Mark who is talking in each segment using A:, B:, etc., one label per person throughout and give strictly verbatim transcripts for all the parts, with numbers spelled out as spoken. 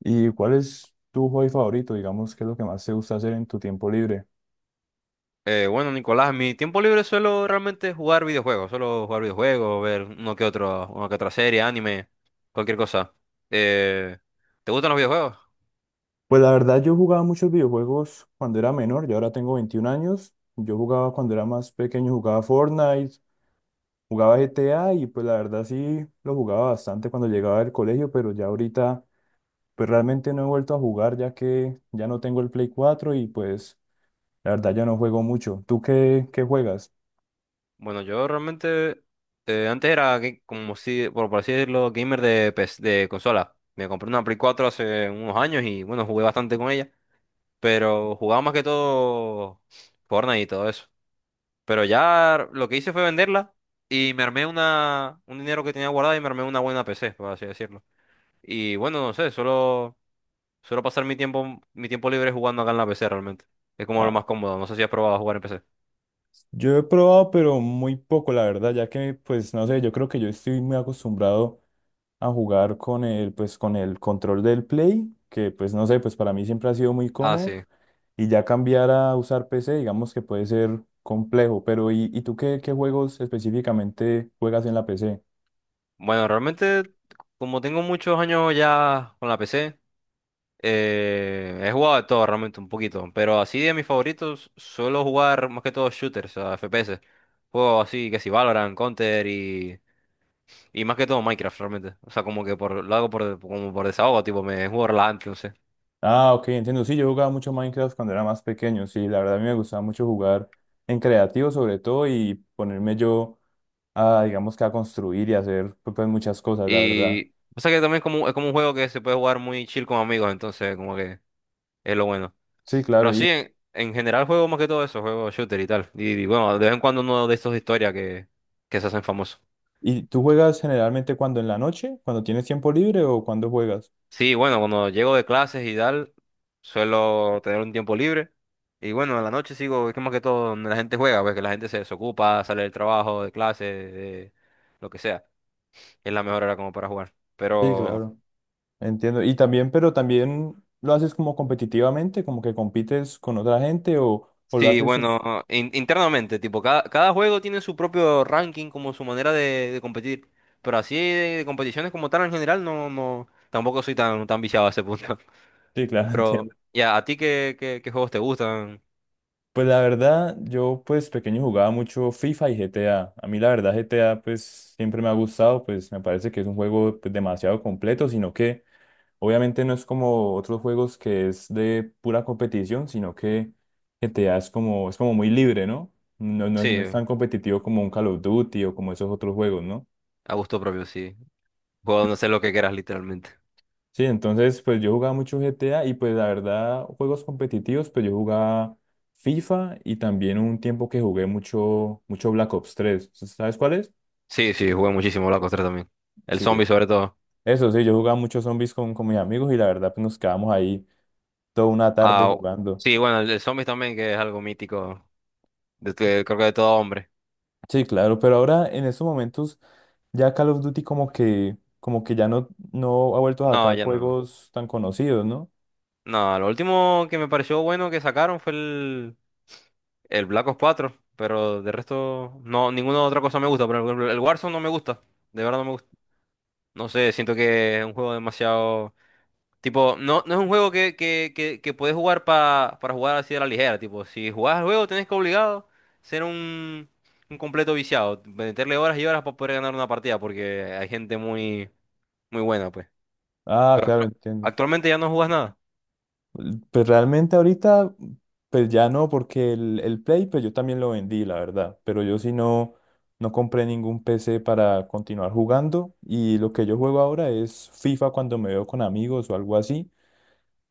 A: ¿Y cuál es tu hobby favorito? Digamos, ¿qué es lo que más te gusta hacer en tu tiempo libre?
B: Eh, bueno, Nicolás, en mi tiempo libre suelo realmente jugar videojuegos, suelo jugar videojuegos, ver uno que otro, una que otra serie, anime, cualquier cosa. Eh, ¿Te gustan los videojuegos?
A: Pues la verdad, yo jugaba muchos videojuegos cuando era menor, yo ahora tengo veintiún años. Yo jugaba cuando era más pequeño, jugaba Fortnite, jugaba G T A y pues la verdad sí lo jugaba bastante cuando llegaba del colegio, pero ya ahorita pues realmente no he vuelto a jugar ya que ya no tengo el Play cuatro y pues la verdad ya no juego mucho. ¿Tú qué, qué juegas?
B: Bueno, yo realmente eh, antes era ga- como si, por, por así decirlo, gamer de, P S de consola. Me compré una Play cuatro hace unos años y bueno, jugué bastante con ella, pero jugaba más que todo Fortnite y todo eso. Pero ya lo que hice fue venderla y me armé una, un dinero que tenía guardado y me armé una buena P C, por así decirlo. Y bueno, no sé, solo suelo pasar mi tiempo, mi tiempo libre jugando acá en la P C realmente. Es como lo
A: Ah,
B: más cómodo. No sé si has probado jugar en P C.
A: yo he probado, pero muy poco, la verdad, ya que, pues, no sé, yo creo que yo estoy muy acostumbrado a jugar con el, pues, con el control del Play, que pues no sé, pues para mí siempre ha sido muy
B: Ah,
A: cómodo,
B: sí.
A: y ya cambiar a usar P C, digamos que puede ser complejo, pero ¿y, y tú qué, qué juegos específicamente juegas en la P C?
B: Bueno, realmente, como tengo muchos años ya con la P C, eh, he jugado de todo realmente un poquito. Pero así de mis favoritos, suelo jugar más que todo shooters, o sea, F P S. Juegos así que si Valorant, Counter y, y más que todo Minecraft realmente. O sea, como que por, lo hago por, como por desahogo, tipo, me juego relajante, no sé.
A: Ah, ok, entiendo, sí, yo jugaba mucho Minecraft cuando era más pequeño, sí, la verdad a mí me gustaba mucho jugar en creativo sobre todo y ponerme yo a, digamos que a construir y hacer pues pues, muchas cosas, la verdad.
B: Y pasa que también es como, es como un juego que se puede jugar muy chill con amigos, entonces como que es lo bueno.
A: Sí, claro.
B: Pero
A: y,
B: sí, en, en general juego más que todo eso, juego shooter y tal. Y, y bueno, de vez en cuando uno de estos de historia que, que se hacen famosos.
A: ¿y tú juegas generalmente cuando en la noche, cuando tienes tiempo libre o cuando juegas?
B: Sí, bueno, cuando llego de clases y tal, suelo tener un tiempo libre. Y bueno, en la noche sigo, es que más que todo donde la gente juega, pues que la gente se desocupa, sale del trabajo, de clase, de lo que sea. Es la mejor hora como para jugar.
A: Sí,
B: Pero...
A: claro, entiendo. Y también, pero también lo haces como competitivamente, como que compites con otra gente o, o lo
B: Sí,
A: haces...
B: bueno, in- internamente, tipo, cada, cada juego tiene su propio ranking, como su manera de, de competir. Pero así de, de competiciones como tal en general, no, no, tampoco soy tan, tan viciado a ese punto.
A: Sí, claro,
B: Pero,
A: entiendo.
B: ya, ¿a ti qué, qué, qué juegos te gustan?
A: Pues la verdad, yo pues pequeño jugaba mucho FIFA y G T A. A A mí la verdad G T A pues siempre me ha gustado, pues me parece que es un juego pues, demasiado completo, sino que obviamente no es como otros juegos que es de pura competición, sino que G T A es como, es como muy libre, ¿no? No, no es,
B: Sí,
A: no es tan competitivo como un Call of Duty o como esos otros juegos, ¿no?
B: a gusto propio, sí. Juego donde sé lo que quieras, literalmente.
A: Sí, entonces pues yo jugaba mucho G T A y pues la verdad juegos competitivos pues yo jugaba FIFA y también un tiempo que jugué mucho mucho Black Ops tres. ¿Sabes cuál es?
B: Sí, sí, jugué muchísimo Black Ops tres también. El
A: Sí,
B: zombie sobre todo.
A: eso sí, yo jugaba muchos zombies con, con mis amigos y la verdad pues nos quedábamos ahí toda una tarde
B: Ah,
A: jugando.
B: sí, bueno, el, el zombie también, que es algo mítico, de,
A: Sí,
B: de- creo que de todo hombre.
A: sí, claro, pero ahora en estos momentos ya Call of Duty como que como que ya no no ha vuelto a
B: No,
A: sacar
B: ya no.
A: juegos tan conocidos, ¿no?
B: No, lo último que me pareció bueno que sacaron fue el... El Black Ops cuatro, pero de resto, no, ninguna otra cosa me gusta. Por ejemplo, el Warzone no me gusta, de verdad no me gusta. No sé, siento que es un juego demasiado. Tipo, no, no es un juego que, que, que, que puedes jugar pa- para jugar así de la ligera. Tipo, si jugás al juego, tenés que obligado ser un, un completo viciado. Meterle horas y horas para poder ganar una partida, porque hay gente muy, muy buena, pues.
A: Ah,
B: Pero
A: claro,
B: actu-
A: entiendo.
B: actualmente ya no jugás nada.
A: Pues realmente ahorita, pues ya no, porque el, el Play, pues yo también lo vendí, la verdad. Pero yo sí no, no compré ningún P C para continuar jugando. Y lo que yo juego ahora es FIFA cuando me veo con amigos o algo así.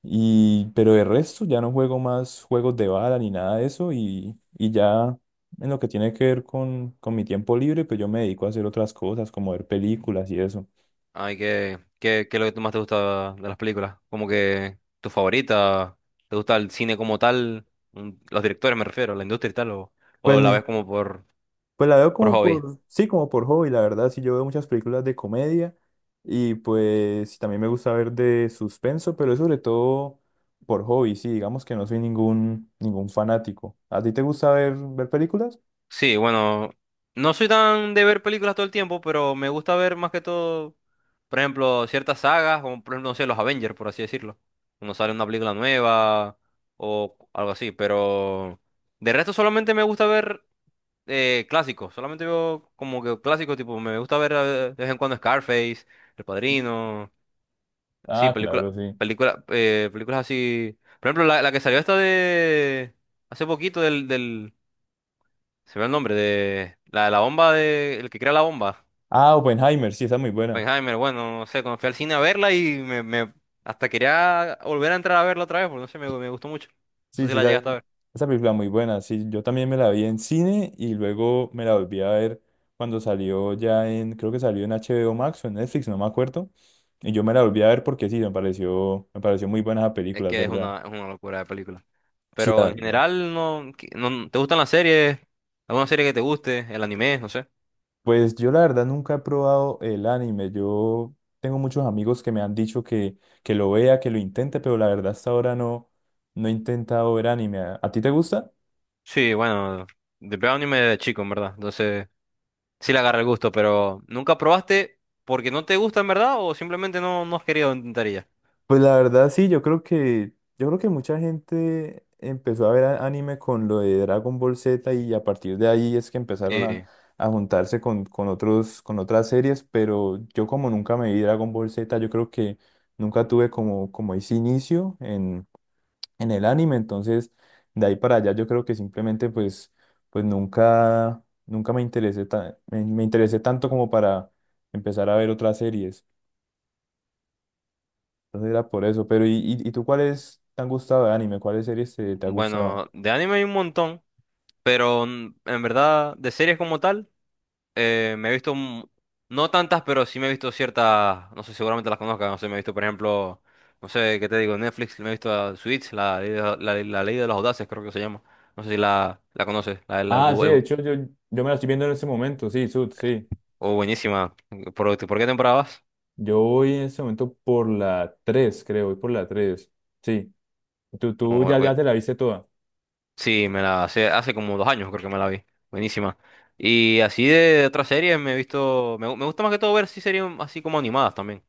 A: Y, pero de resto ya no juego más juegos de bala ni nada de eso. Y, y ya en lo que tiene que ver con, con mi tiempo libre, pues yo me dedico a hacer otras cosas, como ver películas y eso.
B: Ay, ¿qué, qué, qué es lo que más te gusta de las películas? Como que tu favorita, ¿te gusta el cine como tal? Mm, Los directores me refiero, la industria y tal, o,
A: Pues
B: o la ves
A: ni,
B: como por,
A: Pues la veo
B: por
A: como
B: hobby.
A: por, sí, como por hobby, la verdad, sí, yo veo muchas películas de comedia y pues sí, también me gusta ver de suspenso, pero es sobre todo por hobby, sí, digamos que no soy ningún, ningún fanático. ¿A ti te gusta ver, ver películas?
B: Sí, bueno, no soy tan de ver películas todo el tiempo, pero me gusta ver más que todo, por ejemplo, ciertas sagas, como por ejemplo, no sé, los Avengers, por así decirlo. Cuando sale una película nueva o algo así, pero de resto solamente me gusta ver Eh, clásicos, solamente veo como que clásicos, tipo, me gusta ver eh, de vez en cuando Scarface, El Padrino, sí,
A: Ah,
B: película
A: claro, sí.
B: películas, películas así. Por ejemplo, la, la que salió esta de hace poquito del, del, se ve el nombre, de la de la bomba de, el que crea la bomba,
A: Ah, Oppenheimer, sí, esa es muy buena.
B: Oppenheimer, bueno, no sé, cuando fui al cine a verla y me, me- hasta quería volver a entrar a verla otra vez, porque no sé, me, me gustó mucho. No
A: Sí,
B: sé si
A: sí,
B: la
A: esa,
B: llegaste a ver.
A: esa película muy buena. Sí, yo también me la vi en cine y luego me la volví a ver cuando salió ya en, creo que salió en H B O Max o en Netflix, no me acuerdo. Y yo me la volví a ver porque sí, me pareció, me pareció muy buena esa
B: Es
A: película, ¿es
B: que es
A: verdad?
B: una, es una locura de película.
A: Sí,
B: Pero
A: la
B: en
A: verdad.
B: general, no, que- no- ¿te gustan las series? ¿Alguna serie que te guste? ¿El anime? No sé.
A: Pues yo la verdad nunca he probado el anime. Yo tengo muchos amigos que me han dicho que, que, lo vea, que lo intente, pero la verdad hasta ahora no, no he intentado ver anime. ¿A, a ti te gusta?
B: Sí, bueno, de veo anime de chico, en verdad. Entonces, sí le agarra el gusto, pero ¿nunca probaste porque no te gusta, en verdad? ¿O simplemente no, no has querido intentar y ya?
A: Pues la verdad sí, yo creo que yo creo que mucha gente empezó a ver a- anime con lo de Dragon Ball Z y a partir de ahí es que empezaron a,
B: Sí.
A: a juntarse con, con otros con otras series, pero yo como nunca me vi Dragon Ball Z, yo creo que nunca tuve como como ese inicio en, en el anime, entonces de ahí para allá yo creo que simplemente pues pues nunca nunca me interesé ta- me me interesé tanto como para empezar a ver otras series. Entonces era por eso. Pero, ¿y, y, y tú cuáles te han gustado de anime? ¿Cuáles series te, te ha gustado?
B: Bueno, de anime hay un montón, pero mm, en verdad, de series como tal. eh, me he visto, un- no tantas, pero sí me he visto ciertas, no sé, seguramente las conozcas, no sé, me he visto, por ejemplo, no sé, ¿qué te digo? Netflix, me he visto a Suits, la, ley de la, la- ley de los audaces, creo que se llama. No sé si la, la conoces, la, la-
A: Ah,
B: bu-
A: sí, de
B: el-
A: hecho yo, yo me la estoy viendo en este momento, sí, Sud, sí.
B: oh, buenísima. ¿Por, este, por qué temporada vas?
A: Yo voy en este momento por la tres, creo, voy por la tres, sí. Tú, tú
B: No,
A: ya,
B: bu-
A: ya te la viste toda.
B: sí, me la hace, hace como dos años creo que me la vi, buenísima. Y así de otras series me he visto, me, gu- me gusta más que todo ver sí series así como animadas también.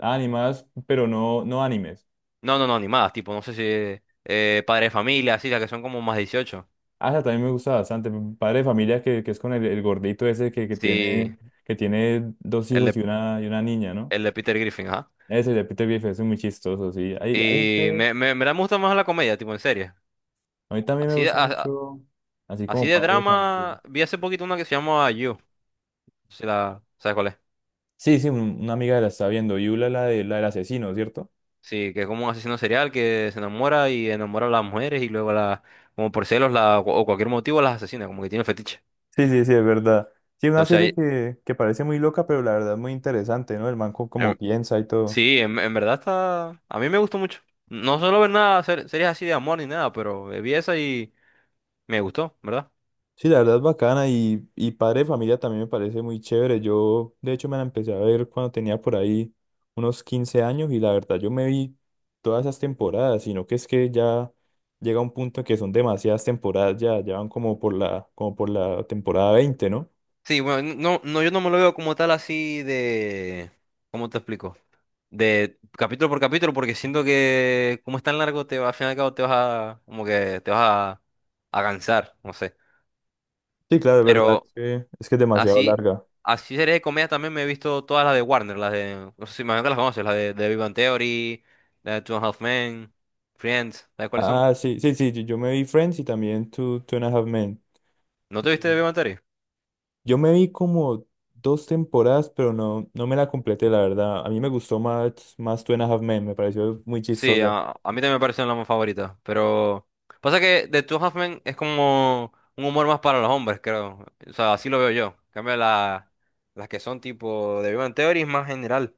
A: Animadas, pero no, no animes.
B: No, no, no, animadas, tipo, no sé si eh, Padre de Familia, así, las que son como más dieciocho.
A: Ah, esa también me gusta bastante. Padre de familia que, que es con el, el gordito ese que, que
B: Sí,
A: tiene, que tiene dos
B: El
A: hijos
B: de,
A: y una, y una niña, ¿no?
B: el de Peter Griffin, ajá.
A: Ese de Peter Griffin es muy chistoso, sí. Hay, hay,
B: Y me, me, me gusta más la comedia, tipo, en serie.
A: A mí también me
B: Así de,
A: gusta
B: a- a-
A: mucho, así
B: así
A: como
B: de
A: Padre de Familia.
B: drama, vi hace poquito una que se llama You. Si la, ¿sabes cuál es?
A: Sí, sí, un- una amiga la está viendo, Yula, la de, la del asesino, ¿cierto?
B: Sí, que es como un asesino serial que se enamora y enamora a las mujeres y luego la, como por celos la, o cualquier motivo las asesina, como que tiene fetiche.
A: Sí, sí, sí, es verdad. Sí, una
B: Entonces
A: serie
B: ahí,
A: que, que parece muy loca, pero la verdad es muy interesante, ¿no? El man co- como
B: em,
A: piensa y todo.
B: sí, en, en verdad está, a mí me gustó mucho. No suelo ver nada, ser- series así de amor ni nada, pero eh, vi esa y me gustó, ¿verdad?
A: Sí, la verdad es bacana y, y Padre de Familia también me parece muy chévere. Yo, de hecho, me la empecé a ver cuando tenía por ahí unos quince años y la verdad yo me vi todas esas temporadas, sino que es que ya llega un punto en que son demasiadas temporadas, ya, ya van como por la, como por la, temporada veinte, ¿no?
B: Sí, bueno, no, no, yo no me lo veo como tal así de... ¿Cómo te explico? De capítulo por capítulo, porque siento que como es tan largo, te, va- al final y al cabo te vas a... como que te vas a, a cansar, no sé.
A: Sí, claro, es verdad, es
B: Pero
A: que es, que es demasiado
B: así,
A: larga.
B: así series de comedia también me he visto todas las de Warner, las de... No sé si imagino que las conoces, las de, de Big Bang Theory, la de Two and a Half Men, Friends, ¿sabes cuáles son?
A: Ah, sí, sí, sí, yo yo me vi Friends y también Two, Two and a Half Men.
B: ¿No te viste de Big Bang Theory?
A: Yo me vi como dos temporadas, pero no, no me la completé, la verdad. A mí me gustó más, más Two and a Half Men, me pareció muy
B: Sí,
A: chistosa.
B: a, a mí también me parecen las más favoritas, pero pasa que The Two Half Men es como un humor más para los hombres, creo. O sea, así lo veo yo. En cambio, la- las que son tipo de Big Bang Theory es más general.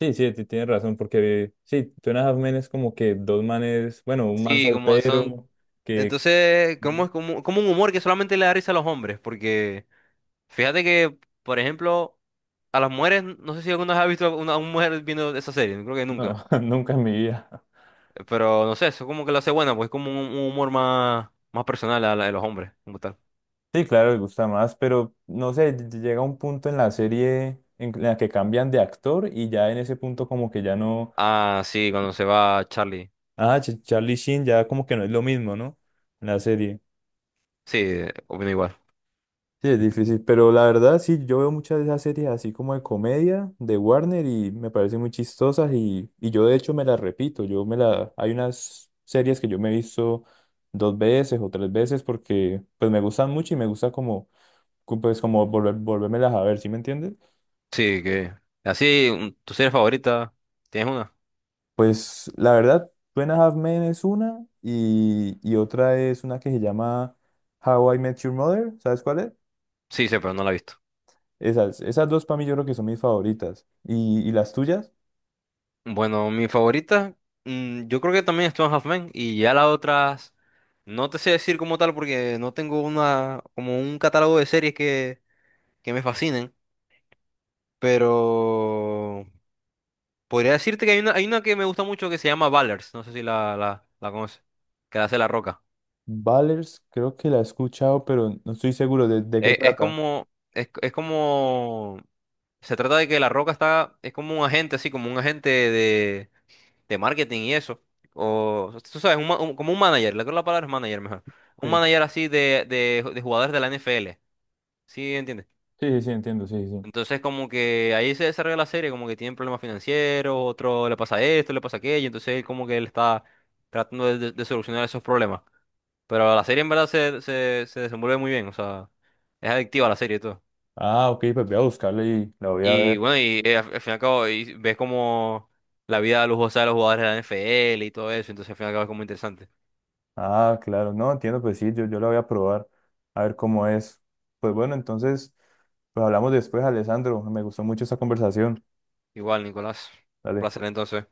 A: Sí, sí, ti- tienes razón, porque sí, Two and a Half Men es como que dos manes, bueno, un man
B: Sí, como son...
A: soltero que.
B: Entonces, como
A: Ujú.
B: es como, como un humor que solamente le da risa a los hombres, porque fíjate que, por ejemplo, a las mujeres, no sé si alguna vez has visto a una, a una mujer viendo esa serie, creo que
A: No,
B: nunca.
A: nunca en mi vida.
B: Pero no sé, eso como que lo hace buena, pues es como un, un humor más, más personal a la de los hombres, como tal.
A: Sí, claro, me gusta más, pero no sé, ll- llega un punto en la serie en la que cambian de actor y ya en ese punto como que ya no,
B: Ah, sí, cuando se va Charlie.
A: ah, Ch- Charlie Sheen ya como que no es lo mismo, ¿no? En la serie.
B: Sí, opino igual.
A: Sí, es difícil, pero la verdad sí, yo veo muchas de esas series así como de comedia de Warner y me parecen muy chistosas y, y yo de hecho me las repito, yo me la, hay unas series que yo me he visto dos veces o tres veces porque pues me gustan mucho y me gusta como, cu- pues como volver, volvérmelas a ver, ¿sí me entiendes?
B: Sí, que... Así, un- ¿tu serie favorita? ¿Tienes una?
A: Pues la verdad, Two and a Half Men es una y, y otra es una que se llama How I Met Your Mother, ¿sabes cuál es?
B: Sí, sí, pero no la he visto.
A: Esas, esas dos para mí yo creo que son mis favoritas. ¿Y, y las tuyas?
B: Bueno, mi favorita, mm, yo creo que también es Two and a Half Men, y ya las otras, no te sé decir como tal porque no tengo una, como un catálogo de series que, que me fascinen, pero podría decirte que hay una, hay una que me gusta mucho que se llama Ballers, no sé si la, la, la conoces, que la hace La Roca.
A: Ballers, creo que la he escuchado, pero no estoy seguro de, de qué
B: Es, es
A: trata.
B: como, es, es como se trata de que La Roca está, es como un agente, así como un agente de, de marketing y eso. O, tú sabes, un ma- un- como un manager, le creo la palabra es manager mejor. Un
A: Sí,
B: manager así de, de, de jugadores de la N F L. ¿Sí entiendes?
A: sí, sí, sí, entiendo, sí, sí, sí.
B: Entonces, como que ahí se desarrolla la serie, como que tienen problemas financieros, otro le pasa esto, le pasa aquello, entonces él como que él está tratando de, de- de solucionar esos problemas. Pero la serie en verdad se, se, se desenvuelve muy bien, o sea, es adictiva la serie y todo.
A: Ah, ok, pues voy a buscarla y la voy a
B: Y
A: ver.
B: bueno, y eh, al al fin y al cabo y ves como la vida lujosa de los jugadores de la N F L y todo eso, entonces al fin y al cabo es como interesante.
A: Ah, claro, no, entiendo, pues sí, yo, yo la voy a probar, a ver cómo es. Pues bueno, entonces, pues hablamos después, Alessandro, me gustó mucho esta conversación.
B: Igual, Nicolás, un
A: Dale.
B: placer entonces.